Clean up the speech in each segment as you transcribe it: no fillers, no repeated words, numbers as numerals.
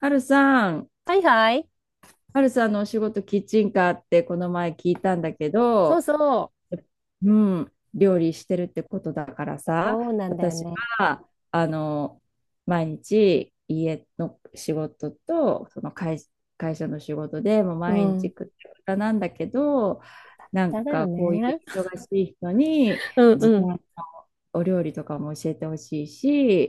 はるさん、はいはい。はるさんのお仕事キッチンカーってこの前聞いたんだけそうど、そう。うん、料理してるってことだからさ、そうなんだよ私ね。は、あの、毎日家の仕事と、会社の仕事でもうう毎日ん。くったくたなんだけど、なん豚だよかこういね。う忙しい人に、うん時う短ん。のお料理とかも教えてほしい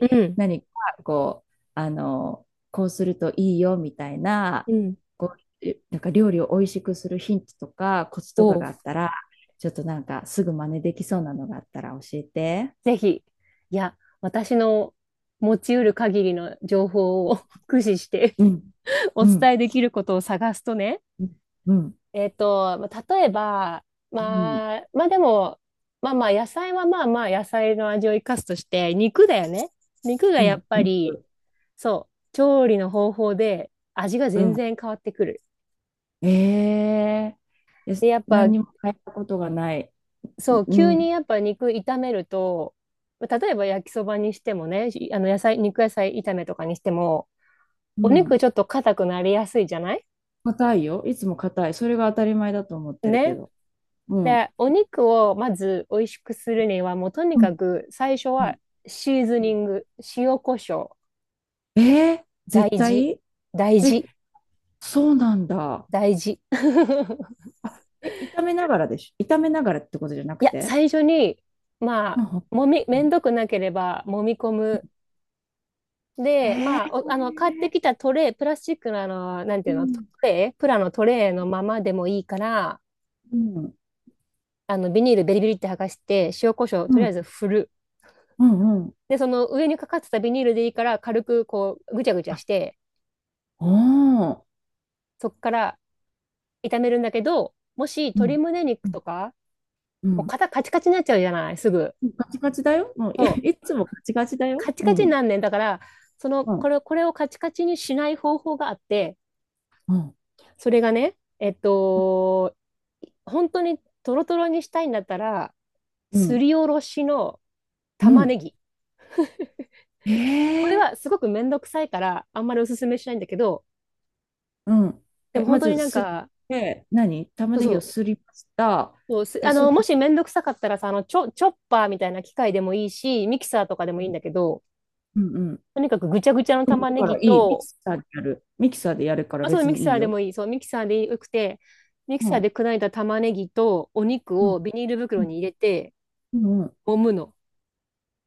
うん。何かこう、あの、こうするといいよみたいな、うん。こなんか料理を美味しくするヒントとかコツとかおう。があったら、ちょっとなんかすぐ真似できそうなのがあったら教えて。ぜひ。いや、私の持ち得る限りの情報を 駆使して うん、おうん、伝えできることを探すとね。うん、うん、まあ例えば、うん、まあ、まあでも、まあまあ野菜はまあまあ野菜の味を生かすとして、肉だよね。肉がうやん、っおぱり、肉。そう、調理の方法で味がう全ん。然変わってくる。ええー、いやで、やっぱ何にも変えたことがない。そう、う急ん、にやっぱ肉炒めると、例えば焼きそばにしてもね、あの野菜、肉野菜炒めとかにしても、うお肉ん。ちょっと硬くなりやすいじゃない硬いよ。いつも硬い。それが当たり前だと思ってるけね。ど。うん。で、お肉をまず美味しくするには、もうとにうかん、く最初うはん、シーズうニん。ング、塩コショウ、ええー、大絶事、対、大え、事、そうなんだ。大事。あ、え、炒めながらでしょ。炒めながらってことじゃないくや、て。最初に、まうあ、んうめんん、どくなければ、揉み込むえで、えまあ、あの、買ってー、きたトレイ、プラスチックのあの、なんてういうの、トんレイ、プラのトレイのままでもいいから、うん、あの、ビニールベリベリって剥がして、塩コショウうとりあえん、ず振る。うん、うん。で、その上にかかってたビニールでいいから、軽くこう、ぐちゃぐちゃあ、して、おー。そっから炒めるんだけど、もしう鶏ん、胸う肉とん、か、うもうん。肩カチカチになっちゃうじゃない、すぐ。ガチガチだよ。もう、いつもガチガチだよ。カチうカチにん、なんねん。だから、その、うこん、れ、これをカチカチにしない方法があって、うん、それがね、本当にトロトロにしたいんだったら、うすん、りおろしのう玉ん。ねぎ。これええ、はすごくめんどくさいから、あんまりおすすめしないんだけど、うん。でえ、もま本当にず、なんか、て、何、玉そうねそぎをう。すりました。そうすあの、うもしめんどくさかったらさ、あの、チョッパーみたいな機械でもいいし、ミキサーとかでもいいんだけど、んうん。とにかくぐちゃぐちゃのうん玉だねからぎいい。ミと、キサーでやる。ミキサーでやるからあ、そう、別ミキにいサいーでよ。もいい。そう、ミキサーでよくて、ミキうサーん、で砕いた玉ねぎとお肉うん、をビニールう袋にん、入れて、うん、うん。揉むの。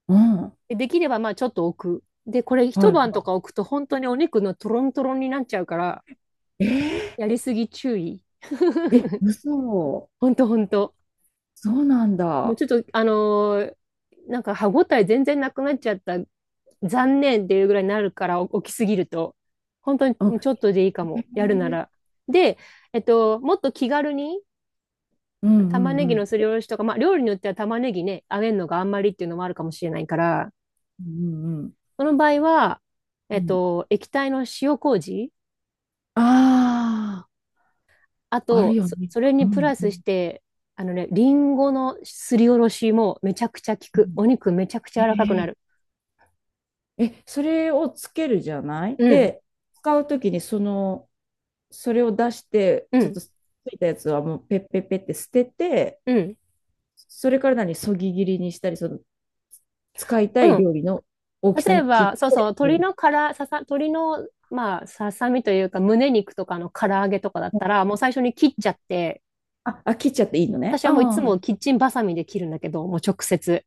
うん、で、できればまあちょっと置く。で、これ一晩はとか置くと本当にお肉のトロントロンになっちゃうから、い。えやりすぎ注意。ー、え、嘘。ほんとほんと。そうなんもうだ。ちょっと、なんか歯ごたえ全然なくなっちゃった。残念っていうぐらいになるから、お起きすぎると。本当にうん、ちょっとでいいかも。やるなへえ、ら。で、もっと気軽にうんう玉んねうぎのん。すりおろしとか、まあ料理によっては玉ねぎね、揚げるのがあんまりっていうのもあるかもしれないから、うんうんその場合は、うん。液体の塩麹あああ、あと、るよね。それうにプラんうスしんて、あのね、リンゴのすりおろしもめちゃくちゃ効うく。ん。お肉めちゃくちゃ柔らかくなえる。え、え、それをつけるじゃないうん、で、使うときにその、それを出して、うちょっん、とついたやつはもうペッペッペッって捨てて、うん、それから何、そぎ切りにしたり、その、使いたいうん。料理の大きさ例えに切っば、そうそう、てやる。鶏の、まあ、ささみというか、胸肉とかの唐揚げとかだったら、もう最初に切っちゃって、あ、あ、切っちゃっていいのね。私はもういつああ、もキッチンバサミで切るんだけど、もう直接。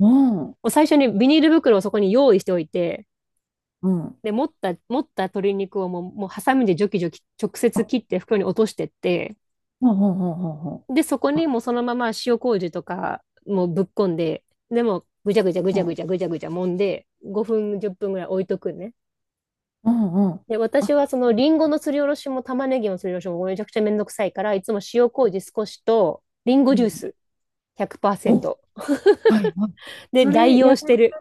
うん、もう最初にビニール袋をそこに用意しておいて、うん。で、持った鶏肉をもうハサミでジョキジョキ直接あ、切って袋に落としてって、ほうほうほうほうほで、そこう。にあ、もうそのまま塩麹とかもうぶっこんで、でもぐちゃぐちゃぐちゃぐちゃぐちゃぐちゃ揉んで、5分、10分ぐらい置いとくんね。うんうん。で、私はあ、そのリンゴのすりおろしも玉ねぎのすりおろしもめちゃくちゃめんどくさいから、いつも塩麹少しと、リンゴうジューん。スお、は100%。い。はい。で、それ代や用してる。る。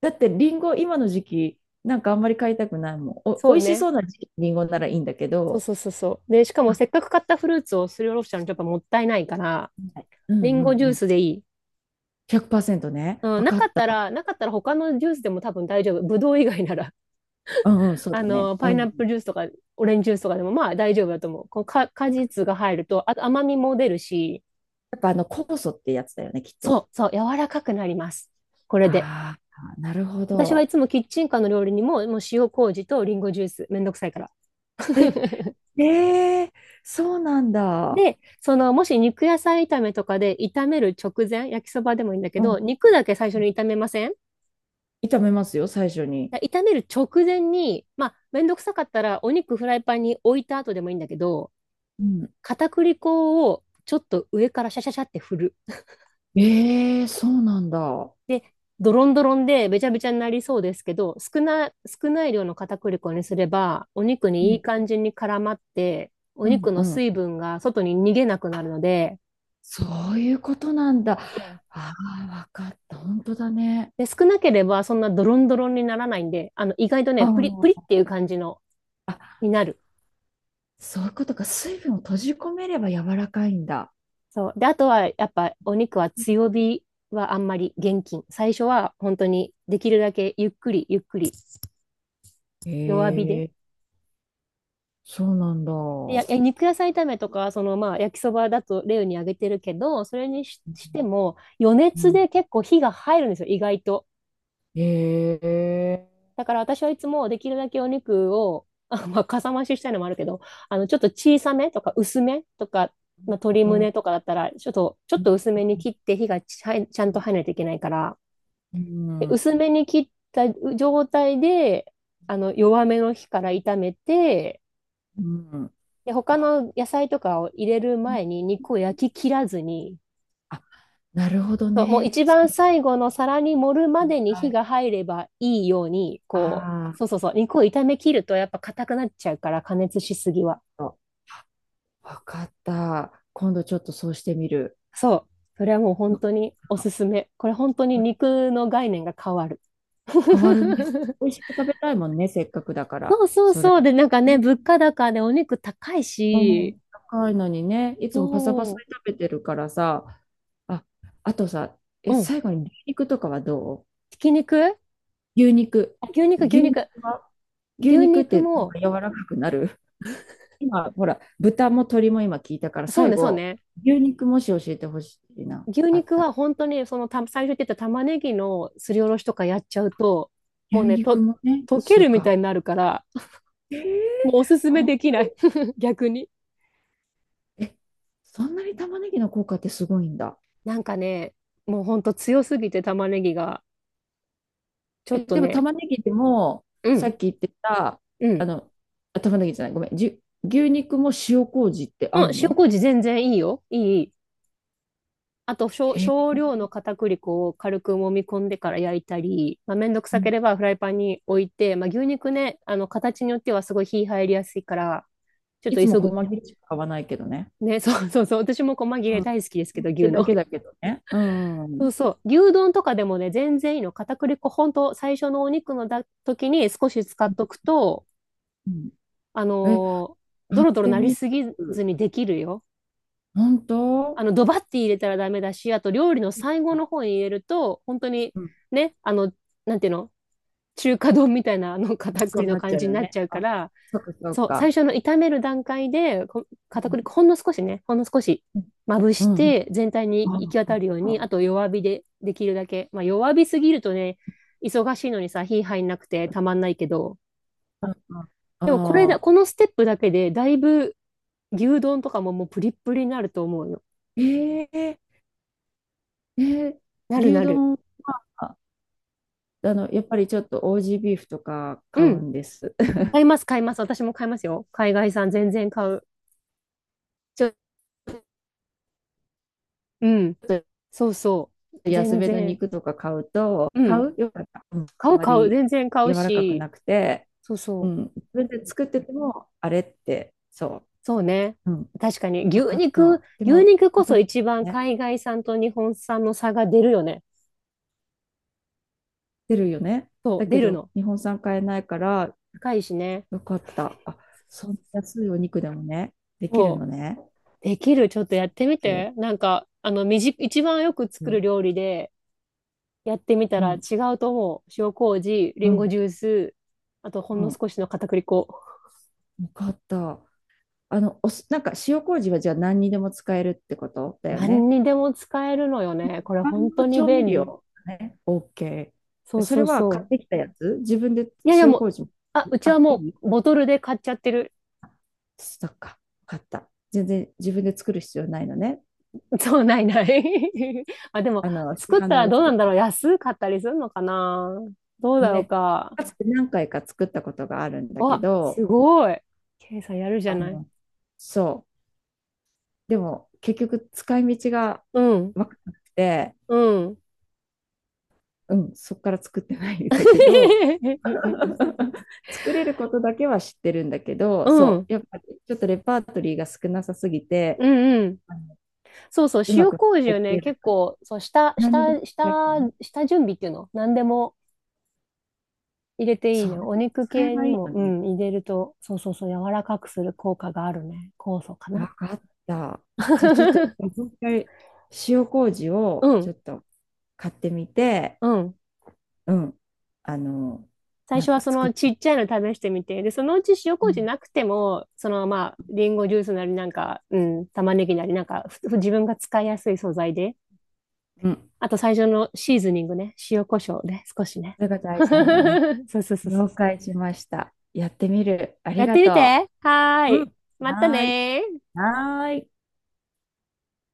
だってリンゴ今の時期、なんかあんまり買いたくないもん。お、そ美う味しね。そうな時期リンゴならいいんだけそうど、そうそうそう。で、しかもあ、せっかく買ったフルーツをすりおろしちゃうのちょっともったいないから、はい、うリんンうゴジんュうーん。スでいい。100%ね。うん、わかった。なかったら他のジュースでも多分大丈夫。ぶどう以外なら。うんうん、そうあだね。の、うパイんうナップん。ルジュースとか、オレンジジュースとかでも、まあ大丈夫だと思う。こうか、果実が入ると、あと甘みも出るし、やっぱあの酵素ってやつだよね、きっそと。う、そう、柔らかくなります。これで。ああ、なるほ私はいど。つもキッチンカーの料理にも、もう塩麹とリンゴジュース、めんどくさいから。ええ、そうなんだ。で、その、もし肉野菜炒めとかで炒める直前、焼きそばでもいいんだけうど、ん。肉だけ最初に炒めません炒めますよ、最初に。炒める直前に、まあ、めんどくさかったら、お肉フライパンに置いた後でもいいんだけど、うん。片栗粉をちょっと上からシャシャシャって振る。ええ、そうなんだ。で、ドロンドロンでべちゃべちゃになりそうですけど、少ない量の片栗粉にすれば、お肉うにいいん。感じに絡まって、おうん肉うのん。水分が外に逃げなくなるので、そういうことなんだ。うんああ、わかった。本当だね。で、少なければそんなドロンドロンにならないんで、あの、意外とあね、プリっあ、ていう感じの、になる。そういうことか。水分を閉じ込めれば柔らかいんだ。そう。で、あとは、やっぱお肉は強火はあんまり厳禁。最初は本当にできるだけゆっくりゆっくり弱火へでえ、そうなんだ。いや、う肉野菜炒めとか、そのまあ焼きそばだと例に挙げてるけど、それにしても余熱でん、結構火が入るんですよ、意外と。へえ、だから私はいつもできるだけお肉を、あ、まあ、かさ増ししたいのもあるけど、あの、ちょっと小さめとか薄めとか、まあ、鶏うん、う胸とかだったら、ちょっと薄ん、めに切って火がちゃんと入らないといけないから、うでん、薄めに切った状態で、あの、弱めの火から炒めて、うん、うん、で、他あ、の野菜とかを入れる前に肉を焼き切らずに、あ、なるほどそう、もうね。一番最後の皿に盛るまでには火い。が入ればいいように、こあう、そうそうそう、肉を炒め切るとやっぱ硬くなっちゃうから、加熱しすぎは。あ、わかった。今度ちょっとそうしてみる。そう、それはもう本当におすすめ。これ本当に肉の概念が変わる。変わるね。美味しく食べたいもんね、せっかくだから、そうそうそれ。そう。で、なんかね、ね、物価高でお肉高いうし、ん、高いのにね、いつもパサパサそで食べてるからさ、あ、あとさ、う、え、うん、最後に牛肉とかはどう、ひき肉牛肉。あ牛肉、牛牛肉肉。は、牛牛肉っ肉てなんも、か柔らかくなる。今、ほら、豚も鶏も今聞いたから、そう最ね、そう後、ね。牛肉もし教えてほしいな、牛あっ肉はた。本当にそのた最初言ってた玉ねぎのすりおろしとかやっちゃうと、もう牛ね、肉もね、溶け一緒るみたか。いになるから、えー、もうおすすめほんできない 逆に。え、そんなに玉ねぎの効果ってすごいんだ。なんかね、もうほんと強すぎて玉ねぎが、ちょっえ、とでもね、玉ねぎでも、うさん、っき言ってた、うあん。の、あ、玉ねぎじゃない、ごめん、牛肉も塩麹ってう合ん、う塩の。麹全然いいよ。いい、いい。あとへえ、少量の片栗粉を軽く揉み込んでから焼いたり、まあ、めんどくうさけん。ればフライパンに置いて、まあ、牛肉ね、あの、形によってはすごい火入りやすいから、ちょっいとつも急ぐ細切りしか買わないけどね。ね、そうそうそう。私も細切うれん。っ大好きですけど、て牛だの。けだけどね。うん。う そん。うそう。牛丼とかでもね、全然いいの。片栗粉、ほんと、最初のお肉のだ時に少し使っとくと、あえ、のード買っロドロてなりみすぎずる。にできるよ。本あ当、の、ドバッて入れたらダメだし、あと料理の最後の方あ、に入れると、本当に、うん。ね、あの、なんていうの中華丼みたいな、あの、片そう栗のなっち感ゃうじによなっね。ちゃうかあ、ら、そっかそっそう、最か。初の炒める段階で、う片ん。栗粉ほんの少しね、ほんの少しまぶしうて、全体に行き渡るん。ああ、ように、あと弱火でできるだけ。まあ弱火すぎるとね、忙しいのにさ、火入んなくてたまんないけど、ああ、でもこれあだ、こあ、のステップだけで、だいぶ牛丼とかももうプリップリになると思うよ。ええ、えー、なる牛なる。丼、あの、やっぱりちょっとオージービーフとか買ううん。んです。買います、買います。私も買いますよ。海外産全然買う。ちょっうん。とそうそう。安全めの然。肉とか買うと、う買ん。う、よかった。うん、買あう、ま買う。り全然買う柔らかくし、なくて、そううそう。ん、自分で作ってても、あれって、そそうね。う、うん、確かに、分かった。で牛も、肉こ硬そく一番ね、海外産と日本産の差が出るよね。出るよね。そう、だ出けるど、の。日本産買えないから、高いしね。よかった。あ、そんな安いお肉でもね、できるそのね。う。できる。ちょっとやってみ OK、 て。なんか、あの、一番よくう作るん、料理でやってみたら違ううと思う。塩麹、ん、リンゴジュース、あとほんうのん、少しの片栗粉。よかった。あの、お酢なんか、塩麹はじゃあ何にでも使えるってことだよ何ね。にでも使えるのよね。これ万本能当に調味便利。料ね、OK。そうそそれうは買そう。ってきたやつ、自分で、いやいや塩もう、麹も。あ、うちはあ、いもい、うボトルで買っちゃってる。そっか、わかった。全然自分で作る必要ないのね。そう、ないない あ、でも、あの、市作っ販たのらやどうつなで。んだろう。安かったりするのかな。どうあのだろうね、か。かつて何回か作ったことがあるんだけわ、ど、すごい。ケイさんやるじゃあない。の、そう。でも、結局使い道がうん、分からなくて、うん。うん、そっから作ってないんだけど、作れることだけは知ってるんだけうど、そん、う、やっぱりちょっとレパートリーが少なさすぎて、うん、うん。あの、そうそう、うま塩く麹入をってね、ない結から、構、そう、何で使えばいいの。下準備っていうの何でも入れていいそう、ね。お肉使え系ばにいいも、のうね。ん、入れると、そうそうそう、柔らかくする効果があるね。酵素かわな。かった。じゃあちょっと、も う一回、塩麹をうちょん、っと買ってみて、うん。うん、あの、最なん初はかそ作っのて、ちっちゃいの試してみて、で、そのうち塩う麹ん、なくても、そのまあ、リンゴジュースなりなんか、うん、玉ねぎなりなんか、自分が使いやすい素材で、うん、あと最初のシーズニングね、塩コショウね、少しね。それが大事なんだね。そうそうそうそう。了解しました。やってみる。ありやっがてみて。とはーう。うい。ん。またはーい。ねー。はーい。